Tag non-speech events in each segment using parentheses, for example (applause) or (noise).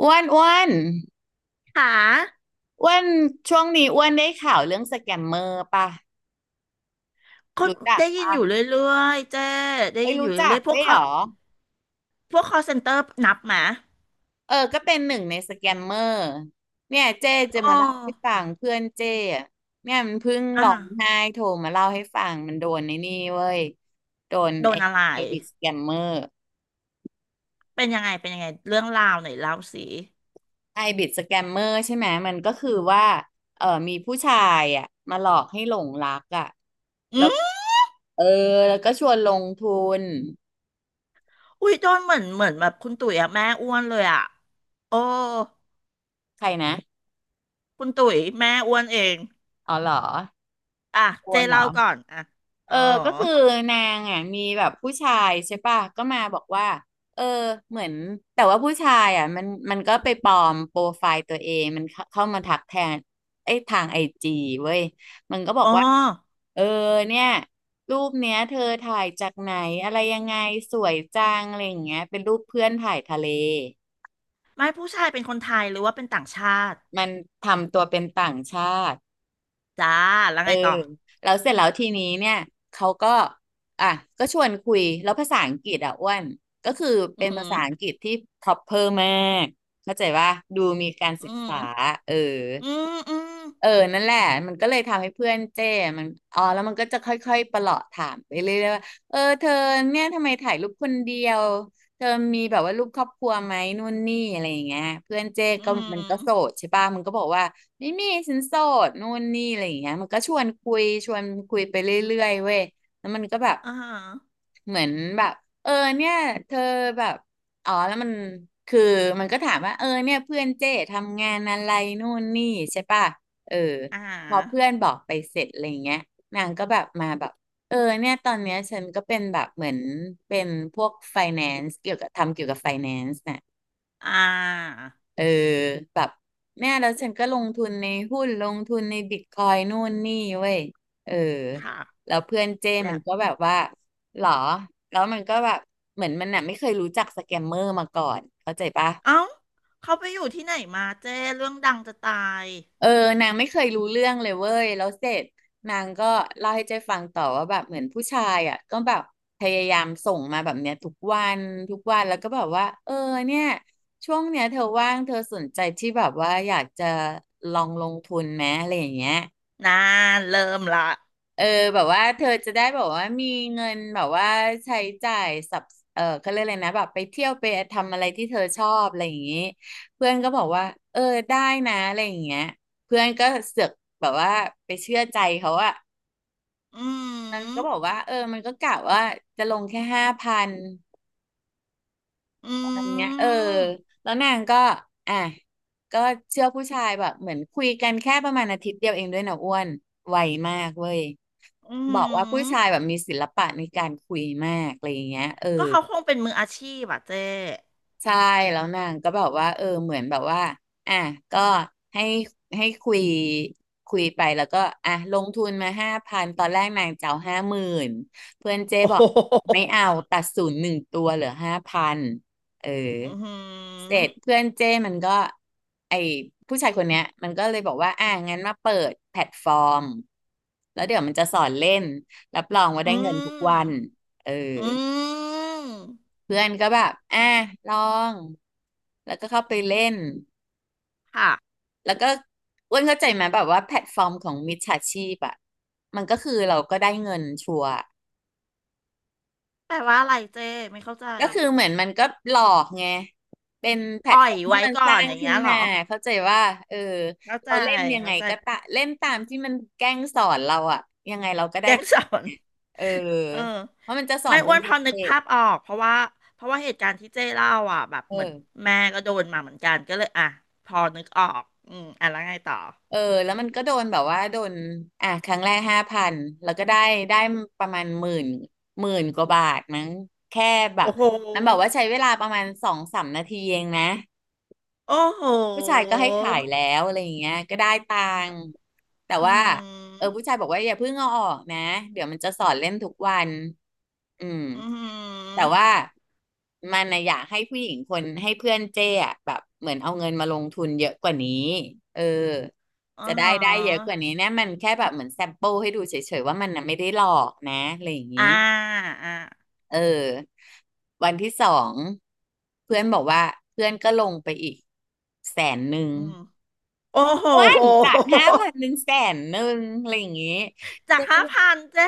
อ้วนอ้วนค่ะอ้วนช่วงนี้อ้วนได้ข่าวเรื่องสแกมเมอร์ป่ะคนรู้จักได้ยินป่ะอยู่เรื่อยๆเจ้ได้เอ้ยยินอรู้ยู่จัเรื่กอยๆพวได้กวยคเหอรอพวกคอเซ็นเตอร์นับไหมาเออก็เป็นหนึ่งในสแกมเมอร์เนี่ยเจ้โอจะมาเล่าให้้ฟังเพื่อนเจ้อะเนี่ยมันเพิ่งอ่ะร้องไห้โทรมาเล่าให้ฟังมันโดนในนี่เว้ยโดนโดไอ้นอะไรไอบิดสแกมเมอร์เป็นยังไงเป็นยังไงเรื่องราวหน่อยเล่าสิไอบิดสแกมเมอร์ใช่ไหมมันก็คือว่าเออมีผู้ชายอ่ะมาหลอกให้หลงรักอ่ะอืแล้วมเออแล้วก็ชวนลงทุนอุ้ยโดนเหมือนแบบคุณตุ๋ยอะแม่อ้วนเลยอะโอ้ใครนะ คุณตุ๋ยแม่อ้วนเองอ๋อเหรออ่ะควเจ๊รเหรเล่าอก่อนอ่ะเออ๋ออก็คือนางอ่ะมีแบบผู้ชายใช่ป่ะก็มาบอกว่าเออเหมือนแต่ว่าผู้ชายอ่ะมันก็ไปปลอมโปรไฟล์ตัวเองมันเข้ามาทักแทนไอ้ยทางไอจีเว้ยมันก็บออ๋กอว่าเออเนี่ยรูปเนี้ยเธอถ่ายจากไหนอะไรยังไงสวยจังอะไรอย่างเงี้ยเป็นรูปเพื่อนถ่ายทะเลไม่ผู้ชายเป็นคนไทยหรือว่าเป็นต่างชาติมันทำตัวเป็นต่างชาติ จ้าแล้วเออไงต่อแล้วเสร็จแล้วทีนี้เนี่ยเขาก็อ่ะก็ชวนคุยแล้วภาษาอังกฤษอ่ะอ้วนก็คืออืเป็นภามษาอังกฤษที่ proper มากเข้าใจว่าดูมีการอศึกหืษาอเออ อืมอืมเออนั่นแหละมันก็เลยทำให้เพื่อนเจ้มันอ๋อแล้วมันก็จะค่อยๆประหลอดถามไปเรื่อยๆว่าเออเธอเนี่ยทำไมถ่ายรูปคนเดียวเธอมีแบบว่ารูปครอบครัวไหมนู่นนี่อะไรอย่างเงี้ยเพื่อนเจ้อืก็มมัอืนม ก็โสดใช่ป่ะมันก็บอกว่าไม่มีฉันโสดนู่นนี่อะไรอย่างเงี้ยมันก็ชวนคุยชวนคุยไปเรื่อยๆเว้ยแล้วมันก็แบบอ่าเหมือนแบบเออเนี่ยเธอแบบอ๋อแล้วมันคือมันก็ถามว่าเออเนี่ยเพื่อนเจทำงานอะไรนู่นนี่ใช่ป่ะ เอออ่พอเพื่อานบอกไปเสร็จอะไรเงี้ยนางก็แบบมาแบบเออเนี่ยตอนเนี้ยฉันก็เป็นแบบเหมือนเป็นพวกไฟแนนซ์เกี่ยวกับทำเกี่ยวกับไฟแนนซ์น่ะอ่าเออแบบเนี่ยแล้วฉันก็ลงทุนในหุ้นลงทุนในบิตคอยนู่นนี่เว้ยเออค่ะแล้วเพื่อนเจ้มัแล้นวก็แบบว่าหรอแล้วมันก็แบบเหมือนมันน่ะไม่เคยรู้จักสแกมเมอร์มาก่อนเข้าใจปะ เอ้าเขาไปอยู่ที่ไหนมาเจ้เรื่องดังจะตายเออนางไม่เคยรู้เรื่องเลยเว้ยแล้วเสร็จนางก็เล่าให้เจ๊ฟังต่อว่าแบบเหมือนผู้ชายอ่ะก็แบบพยายามส่งมาแบบเนี้ยทุกวันทุกวันแล้วก็แบบว่าเออเนี่ยช่วงเนี้ยเธอว่างเธอสนใจที่แบบว่าอยากจะลองลงทุนไหมอะไรอย่างเงี้ย นานเริ่มละเออแบบว่าเธอจะได้แบบว่ามีเงินแบบว่าใช้จ่ายสับเออเขาเรียกอะไรนะแบบไปเที่ยวไปทำอะไรที่เธอชอบอะไรอย่างนี้เพื่อนก็บอกว่าเออได้นะอะไรอย่างเงี้ยเพื่อนก็เสือกแบบว่าไปเชื่อใจเขาอะอืมันมก็บอกว่าเออมันก็กะว่าจะลงแค่ห้าพัน ออันืเนี้ยเออมแล้วนางก็อ่ะก็เชื่อผู้ชายแบบเหมือนคุยกันแค่ประมาณอาทิตย์เดียวเองด้วยนะอ้วนไวมากเว้ยอืบอกว่าผู้ชายมแบบมีศิลปะในการคุยมากอะไรอย่างเงี้ยเออ ก็เขาคงเป็นมืออาชีพอ่ะเจ้ใช่แล้วนางก็แบบว่าเออเหมือนแบบว่าอ่ะก็ให้ให้คุยไปแล้วก็อ่ะลงทุนมาห้าพันตอนแรกนางจะเอา50,000เพื่อนเจ๊โอ้ บ (laughs) อโหกไม่เอาตัดศูนย์หนึ่งตัวเหลือห้าพันเอออืเสร็จมเพื่อนเจ้มันก็ไอผู้ชายคนเนี้ยมันก็เลยบอกว่าอ่ะงั้นมาเปิดแพลตฟอร์มแล้วเดี๋ยวมันจะสอนเล่นรับรองว่าอืได้เงินทุกวัมนเออ อืมเพื่อนก็แบบอ่ะลองแล้วก็เข้าไปเล่นค่ะแล้วก็อ้วนเข้าใจไหมแบบว่าแพลตฟอร์มของมิจฉาชีพอ่ะมันก็คือเราก็ได้เงินชัวร์แปลว่าอะไรเจ้ไม่เข้าใจก็คือเหมือนมันก็หลอกไงเป็นแพลตอ่ฟออยร์มที่ไว้มันก่สอร้านงอย่างขึ้เงี้นยเหรมาอ เข้าใจว่าเออเข้าใจเราเล่นยังไงเข้าใจก็ตะเล่นตามที่มันแกล้งสอนเราอ่ะยังไงเราก็แกได้ตัสงอค์น เนี่ยเออเออเพราะมันจะสอไม่นเป็อ้นวนสพอนึกเต็ปภาพออกเพราะว่าเหตุการณ์ที่เจ้เล่าอ่ะแบบเอเหมือนอ แม่ก็โดนมาเหมือนกันก็เลยอ่ะพอนึกออกอืมอ่ะแล้วไงต่อเออแล้วมันก็โดนแบบว่าโดนอ่ะครั้งแรกห้าพันแล้วก็ได้ประมาณหมื่นกว่าบาทมั้งแค่แบบโอ้โหมันบอกว่าใช้เวลาประมาณสองสามนาทีเองนะ โอ้โหผู้ชายก็ให้ขายแล้วอะไรอย่างเงี้ยก็ได้ตังค์แต่อืว่าผู้มชายบอกว่าอย่าเพิ่งเอาออกนะเดี๋ยวมันจะสอนเล่นทุกวันอืมอืแต่ว่ามมันนะอยากให้ผู้หญิงคนให้เพื่อนเจ้อะแบบเหมือนเอาเงินมาลงทุนเยอะกว่านี้เอออ๋อจะฮได้ได้เยอะกว่าะนี้เนี่ยมันแค่แบบเหมือนแซมเปิลให้ดูเฉยๆว่ามันน่ะไม่ได้หลอกนะอะไรอย่างนี้อ่าอ่าเออวันที่สองเพื่อนบอกว่าเพื่อนก็ลงไปอีกแสนหนึ่ง อืมโอ้อ้วันจาโหก5,000เป็นแสนหนึ่งอะไรอย่างงี้จาเจ๊กก็ห้าบอกพันเจ้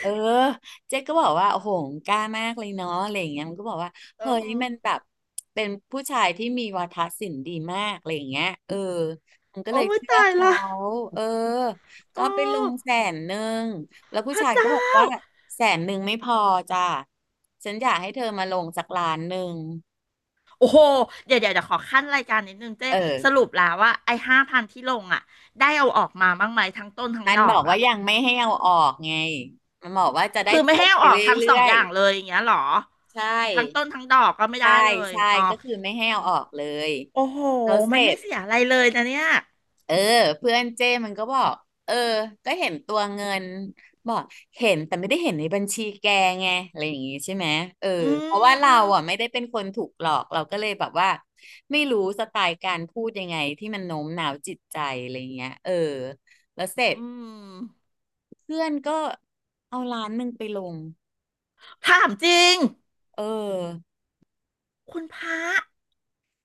เออเจ๊ก็บอกว่าโอ้โหกล้ามากเลยเนาะอะไรอย่างเงี้ยมันก็บอกว่าโอ้เฮ้โหยมันแบบเป็นผู้ชายที่มีวาทศิลป์ดีมากอะไรอย่างเงี้ยมันก็โอ้เลยยเชื่อตายเขาละเออก็โอ้ไปลงแสนหนึ่งแล้วพผู้ระชายก็เจ้า บอกว่าแสนหนึ่งไม่พอจ้ะฉันอยากให้เธอมาลงสักล้านหนึ่งโอ้โห เดี๋ยวเดี๋ยวจะขอขั้นรายการนิดนึงเจ๊เออสรุปแล้วว่าไอ้ห้าพันที่ลงอ่ะได้เอาออกมาบ้างไหมทั้งต้นทั้งมันดบออกกว่าอ่ะยังไม่ให้เอาออกไงมันบอกว่าจะได้คือทไม่ให้บเอาไปออเกทั้งรื่สอองอย ย่างเลยอย่างเงี้ยหรอใช่ทั้งต้นทั้งดอกก็ไม่ได้ใช่เลยใช่อ๋อก็คือไม่ให้เอาออกเลยโอ้โหแล้วเสมันร็ไม่จเสียอะไรเลยนะเนี่ยเออเพื่อนเจ้มันก็บอกเออก็เห็นตัวเงินบอกเห็นแต่ไม่ได้เห็นในบัญชีแกไงอะไรอย่างงี้ใช่ไหมเอออืเพราะว่ามอืเรามอ่ะไม่ได้เป็นคนถูกหลอกเราก็เลยแบบว่าไม่รู้สไตล์การพูดยังไงที่มันโน้มน้าวจิตใจอะไรเงี้ยแล้วเสร็จอืมเพื่อนก็เอาล้านหนึ่งไปลงถามจริงเออคุณพระ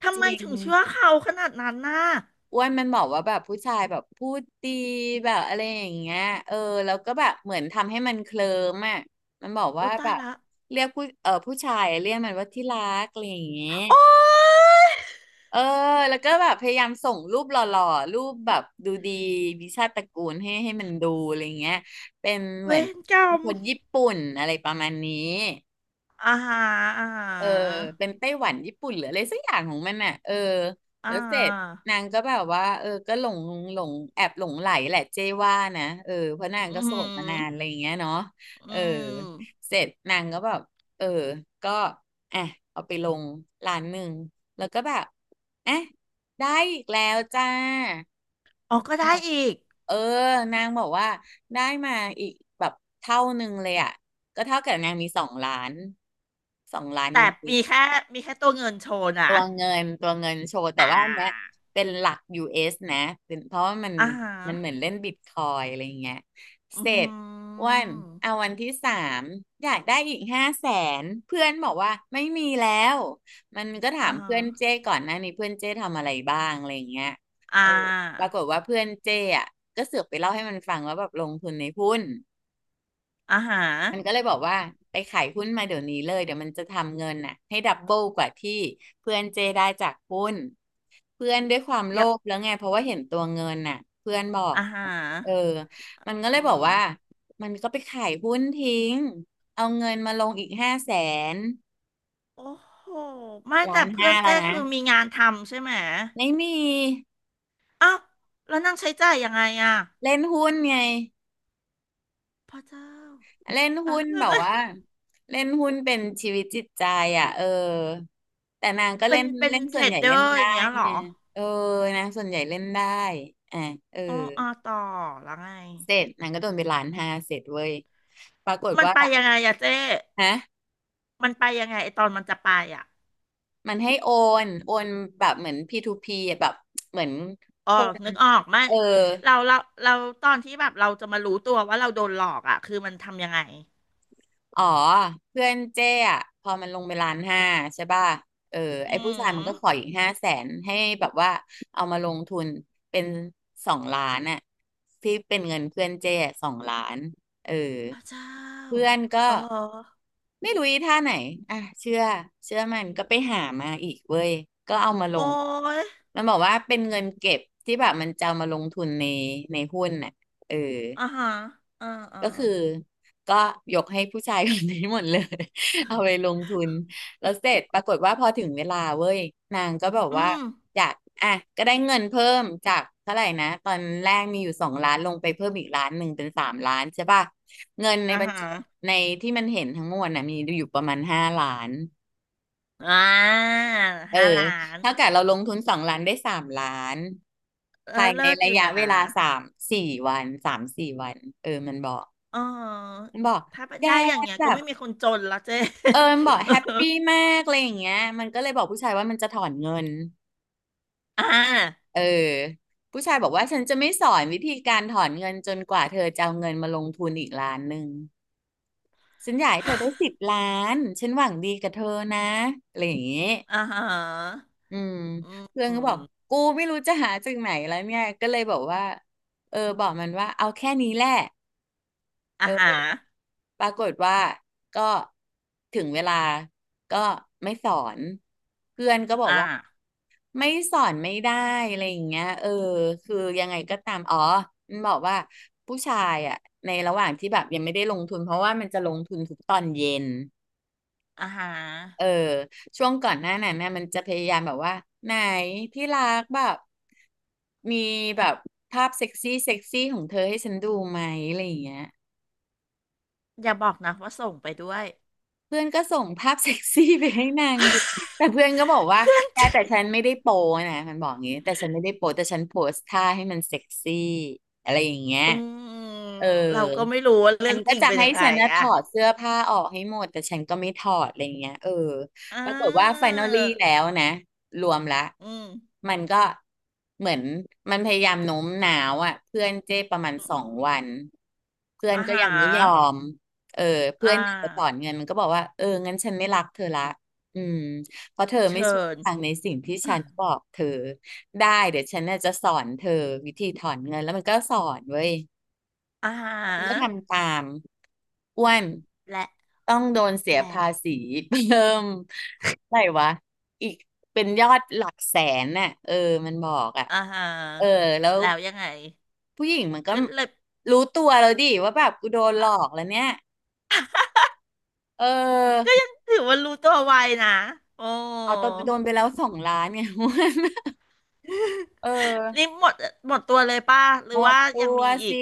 ทำจไมริง ถึงเชื่อเขาขนาดนั้นน่ะอ้วนมันบอกว่าแบบผู้ชายแบบพูดดีแบบอะไรอย่างเงี้ยเออแล้วก็แบบเหมือนทำให้มันเคลิ้มอ่ะมันบอกอุ้ว่ายแบตายบละเรียกผู้เออผู้ชายเรียกมันว่าที่รักอะไรอย่างเงี้ยโอ๊ยเออแล้วก็แบบพยายามส่งรูปหล่อๆรูปแบบดูดีวิชาติตระกูลให้มันดูอะไรอย่างเงี้ยเป็นเหเวมือนรกรรมคนญี่ปุ่นอะไรประมาณนี้ อ่าฮะอ่าฮเออะเป็นไต้หวันญี่ปุ่นหรืออะไรสักอย่างของมันอ่ะอ่าแล้วเสฮะ ร็จนางก็แบบว่าก็หลงหลงแอบหลงไหลแหละเจ้ว่านะเพราะนางอืก็โสดมามนานอะไรอย่างเงี้ยเนาะอืเออมเสร็จนางก็แบบเออก็อ่ะเอาไปลงร้านหนึ่งแล้วก็แบบอ่ะ ได้อีกแล้วจ้าอ๋อก็ได้บอกอีก เออนางบอกว่าได้มาอีกแบบเท่าหนึ่งเลยอ่ะก็เท่ากับนางมีสองล้านสองล้านนแต่ิดมีๆ แค่มีแค่ตัวเงินโชว์นะตัวเงินโชว์แต่อ่ว่าอันเนี้ยาเป็นหลัก US นะเป็นเพราะว่าอ่าฮะมันเหมือนเล่นบิตคอยอะไรอย่างเงี้ยอืเสอร็หืจอ้วันอเอาวันที่สามอยากได้อีกห้าแสนเพื่อนบอกว่าไม่มีแล้วมันก็ถาอ่ามฮะเพื่อนเจ้ก่อนหน้านี้เพื่อนเจ้ทำอะไรบ้างอะไรอย่างเงี้ยอ่าเออปรากฏว่าเพื่อนเจ้อะก็เสือกไปเล่าให้มันฟังว่าแบบลงทุนในหุ้น อ่าฮะมันก็เลยบอกว่าไปขายหุ้นมาเดี๋ยวนี้เลยเดี๋ยวมันจะทำเงินน่ะให้ดับเบิลกว่าที่เพื่อนเจได้จากหุ้นเพื่อนด้วยความโลยับภแล้วไงเพราะว่าเห็นตัวเงินน่ะเพื่อนบอกอ่าฮะเออมันก็เลอืยบอกมว่ามันก็ไปขายหุ้นทิ้งเอาเงินมาลงอีกห้าแสนโอ้โหไม่ล้าแต่นเพื่อห้านแล้เจ้วนะคือมีงานทำใช่ไหมไม่มีเอ้าวแล้วนั่งใช้จ่ายยังไงอ่ะเล่นหุ้นไง พระเจ้าเล่นอ่ะหุ้นแล้แบวบไงว่าเล่นหุ้นเป็นชีวิตจิตใจอ่ะแต่นางก็เป็เล่นนเป็นเล่นเทส่รวนใหดญ่เดเล่อนร์อได้ย่างเงี้ยเหรไงอเออนางส่วนใหญ่เล่นได้อ่ะเอออ๋ออ่าต่อแล้วไง เสร็จนางก็โดนไปล้านห้าเสร็จเว้ยปรากฏมันว่าไปยังไงอะเจ้ ฮะมันไปยังไงไอตอนมันจะไปอ่ะมันให้โอนโอนแบบเหมือน P2P อะแบบเหมือนอ๋คอนนึกออกไหมเออ เราเราเราตอนที่แบบเราจะมารู้ตัวว่าเราโดนหลอกอ่ะคือมันทำยังไงอ๋อเพื่อนเจ้อะพอมันลงไปล้านห้าใช่ป่ะเอออืไอ้ผู้ชายมันก็มขออีกห้าแสนให้แบบว่าเอามาลงทุนเป็นสองล้านอะที่เป็นเงินเพื่อนเจ้สองล้านเออพระเจ้าเพื่อนก็เออไม่รู้อีท่าไหนอ่ะเชื่อเชื่อมันก็ไปหามาอีกเว้ยก็เอามาลโอ้งยมันบอกว่าเป็นเงินเก็บที่แบบมันจะเอามาลงทุนในหุ้นน่ะเออ อ่าฮะอ่าอ่าก็คือก็ยกให้ผู้ชายคนนี้หมดเลย (laughs) เอาไปลงทุนแล้วเสร็จปรากฏว่าพอถึงเวลาเว้ยนางก็แบบอืว่ามอยากอ่ะก็ได้เงินเพิ่มจากเท่าไหร่นะตอนแรกมีอยู่สองล้านลงไปเพิ่มอีกล้านหนึ่งเป็นสามล้านใช่ป่ะเงินในอ่าบัญฮะชีในที่มันเห็นทั้งมวลน่ะมีอยู่ประมาณ5,000,000อ่าเออห้าล้านเท่ากับเราลงทุนสองล้านได้สามล้านเอภาอยในเลิศอระยู่ยะนะเวลาสามสี่วันสามสี่วันมันบอกอ๋อมันบอกถ้าเป็นแกได้อย่างเงี้ยแบก็บ ไม่มีคนจนแลวเจ๊ (laughs) เอิญบอกแฮปปี้มากอะไรอย่างเงี้ยมันก็เลยบอกผู้ชายว่ามันจะถอนเงินอ่าเออผู้ชายบอกว่าฉันจะไม่สอนวิธีการถอนเงินจนกว่าเธอจะเอาเงินมาลงทุนอีกล้านหนึ่งฉันอยากให้เธอได้10 ล้านฉันหวังดีกับเธอนะอะไรอย่างงี้อ่าฮะอืมเพื่อนอืก็บอกมกูไม่รู้จะหาจากไหนแล้วเนี่ยก็เลยบอกว่าเออบอกมันว่าเอาแค่นี้แหละเออ่าฮะอปรากฏว่าก็ถึงเวลาก็ไม่สอนเพื่อนก็บอกอ่ว่า า ไม่สอนไม่ได้อะไรอย่างเงี้ยเออคือยังไงก็ตามอ๋อมันบอกว่าผู้ชายอ่ะในระหว่างที่แบบยังไม่ได้ลงทุนเพราะว่ามันจะลงทุนทุกตอนเย็นอ่าฮะเออช่วงก่อนหน้านั้นนะมันจะพยายามแบบว่าไหนที่รักแบบมีแบบภาพเซ็กซี่เซ็กซี่ของเธอให้ฉันดูไหมอะไรอย่างเงี้ย อย่าบอกนะว่าส่งไปด้วย เพื่อนก็ส่งภาพเซ็กซี่ไปให้นางดูแต่เพื่อนก็บอก (laughs) ว่าเพื่อน (laughs) แกแต่ฉันไม่ได้โปนะมันบอกอย่างงี้แต่ฉันไม่ได้โปแต่ฉันโพสท่าให้มันเซ็กซี่อะไรอย่างเงี้ยอืมเออเราก็ไม่รู้ว่าเรื่ฉัอนงก็จริงจะเป็นให้ยังไงฉันนะถอ่ะอดเสื้อผ้าออกให้หมดแต่ฉันก็ไม่ถอดอะไรเงี้ยเอออ่ปรากฏว่าไฟ า i n ลลี่แล้วนะรวมละอืมมันก็เหมือนมันพยายามโน้มน้าวอ่ะเพื่อนเจ้ประมาณอืสองมวันเพื่อนอาก็หายังไม่ยอรม เออเพื่อ่อนอยากจะถอนาเงินมันก็บอกว่าเอองั้นฉันไม่รักเธอละอืมเพราะเธอไม่เชิเชื่อญ ฟังในสิ่งที่ฉัน (laughs) บอกเธอได้เดี๋ยวฉันน่ะจะสอนเธอวิธีถอนเงินแล้วมันก็สอนเว้ยอาหามันก็รทำตามอ้วนและต้องโดนเสียแล้ภาวษีเพิ่มอะไหรวะอีกเป็นยอดหลักแสนน่ะเออมันบอกอ่ะอาหารเออแล้วแล้วยังไงผู้หญิงมันก็ก็เลยรู้ตัวแล้วดิว่าแบบกูโดนหลอกแล้วเนี่ยเออ ถือว่ารู้ตัวไวนะโอ้เอาตอนโดนไปแล้ว2 ล้านไง (laughs) นเอนี่อ หมดหมดตัวเลยป่ะหรืหมอดว่าตัยังวมีอีสิก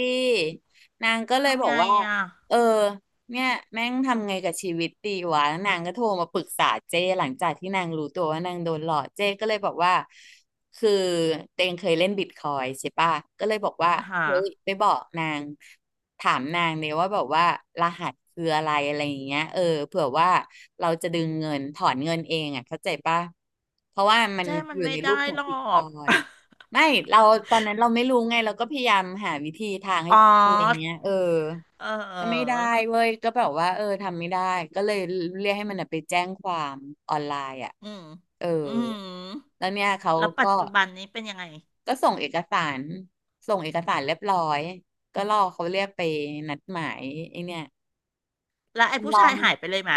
นางก็เลยบทำอไงกว่าอ่ะเออเนี่ยแม่งทำไงกับชีวิตดีวะแล้วนางก็โทรมาปรึกษาเจ้หลังจากที่นางรู้ตัวว่านางโดนหลอกเจ้ก็เลยบอกว่าคือเตงเคยเล่นบิตคอยใช่ปะก็เลยบอกว่าอาหาร เฮ้ยไปบอกนางถามนางเนี่ยว่าแบบว่ารหัสคืออะไรอะไรอย่างเงี้ยเออเผื่อว่าเราจะดึงเงินถอนเงินเองอ่ะเข้าใจปะเพราะว่ามันเจ้มัอนยู่ไม่ในรูปได้ของหรอบิตคก อย ไม่เราตอนนั้นเราไม่รู้ไงเราก็พยายามหาวิธีทาง (laughs) ให้อ๋อเพื่อนอะไรเงี้ยเออเอก็ไม่ได้อเว้ยก็แบบว่าเออทำไม่ได้ก็เลยเรียกให้มันน่ะไปแจ้งความออนไลน์อ่ะอืมเอออืมแล้วเนี่ยเขาแล้วปัก็จจุบันนี้เป็นยังไงก็ส่งเอกสารเรียบร้อยก็รอเขาเรียกไปนัดหมายไอ้เนี่ยแล้วไอ้ผู้ร้อชายงหายไปเลยไหม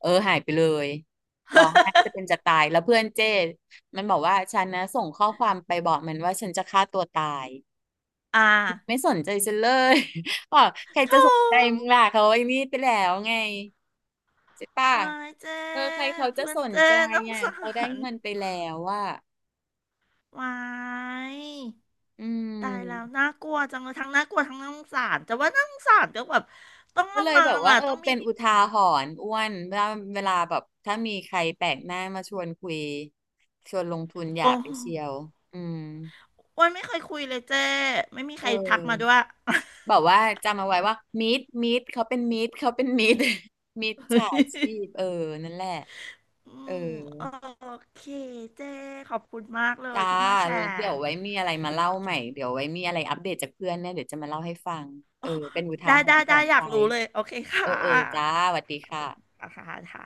เออหายไปเลยร้องไห้จะเป็นจะตายแล้วเพื่อนเจ้มันบอกว่าฉันนะส่งข้อความไปบอกมันว่าฉันจะฆ่าตัวตาย (laughs) อ่าไม่สนใจฉันเลย (laughs) บอกใครโธจะสนใจมึง่ล่ะเขาไอ้นี่ไปแล้วไงใช่ป่ะวายเจ้เออใครเขาจะเพื่อสนนเจ้ใจน้องอ่ะสาเขาได้รเงินไปแล้วอ่ะวายอืตายแล้วมน่ากลัวจังเลยทั้งน่ากลัวทั้งน่าสงสารแต่ว่าน่าสงสารก็แบบต้องก็ละเลยมัแบบงว่าอ่ะเออต้องมีเป็นอุทาหรณ์อ้วนเวลาแบบถ้ามีใครแปลกหน้ามาชวนคุยชวนลงทุนอย่าโอ้ไปโหเชียว อืมนไม่เคยคุยเลยเจ้ไม่มีใคเอรทักมาด้วอย แบบว่าจำเอาไว้ว่ามิดเขาเป็นมิดเขาเป็นมิด (laughs) ฉาชีพ (laughs) เออนั่นแหละอืเออ มโอเคเจ้ขอบคุณมากเลยจ้าที่มาแชแล้วร์เดี๋ยวไว้มีอะไรมาเล่าใหม่ เดี๋ยวไว้มีอะไรอัปเดตจากเพื่อนเนี่ยเดี๋ยวจะมาเล่าให้ฟัง เออ เป็นอุทาได้หรได้ณ์สอได้นอใจ ยากรู้เลยโอเคเอค่ะอ เออ จ้าสวัสดีค่ะอ่ะค่ะค่ะ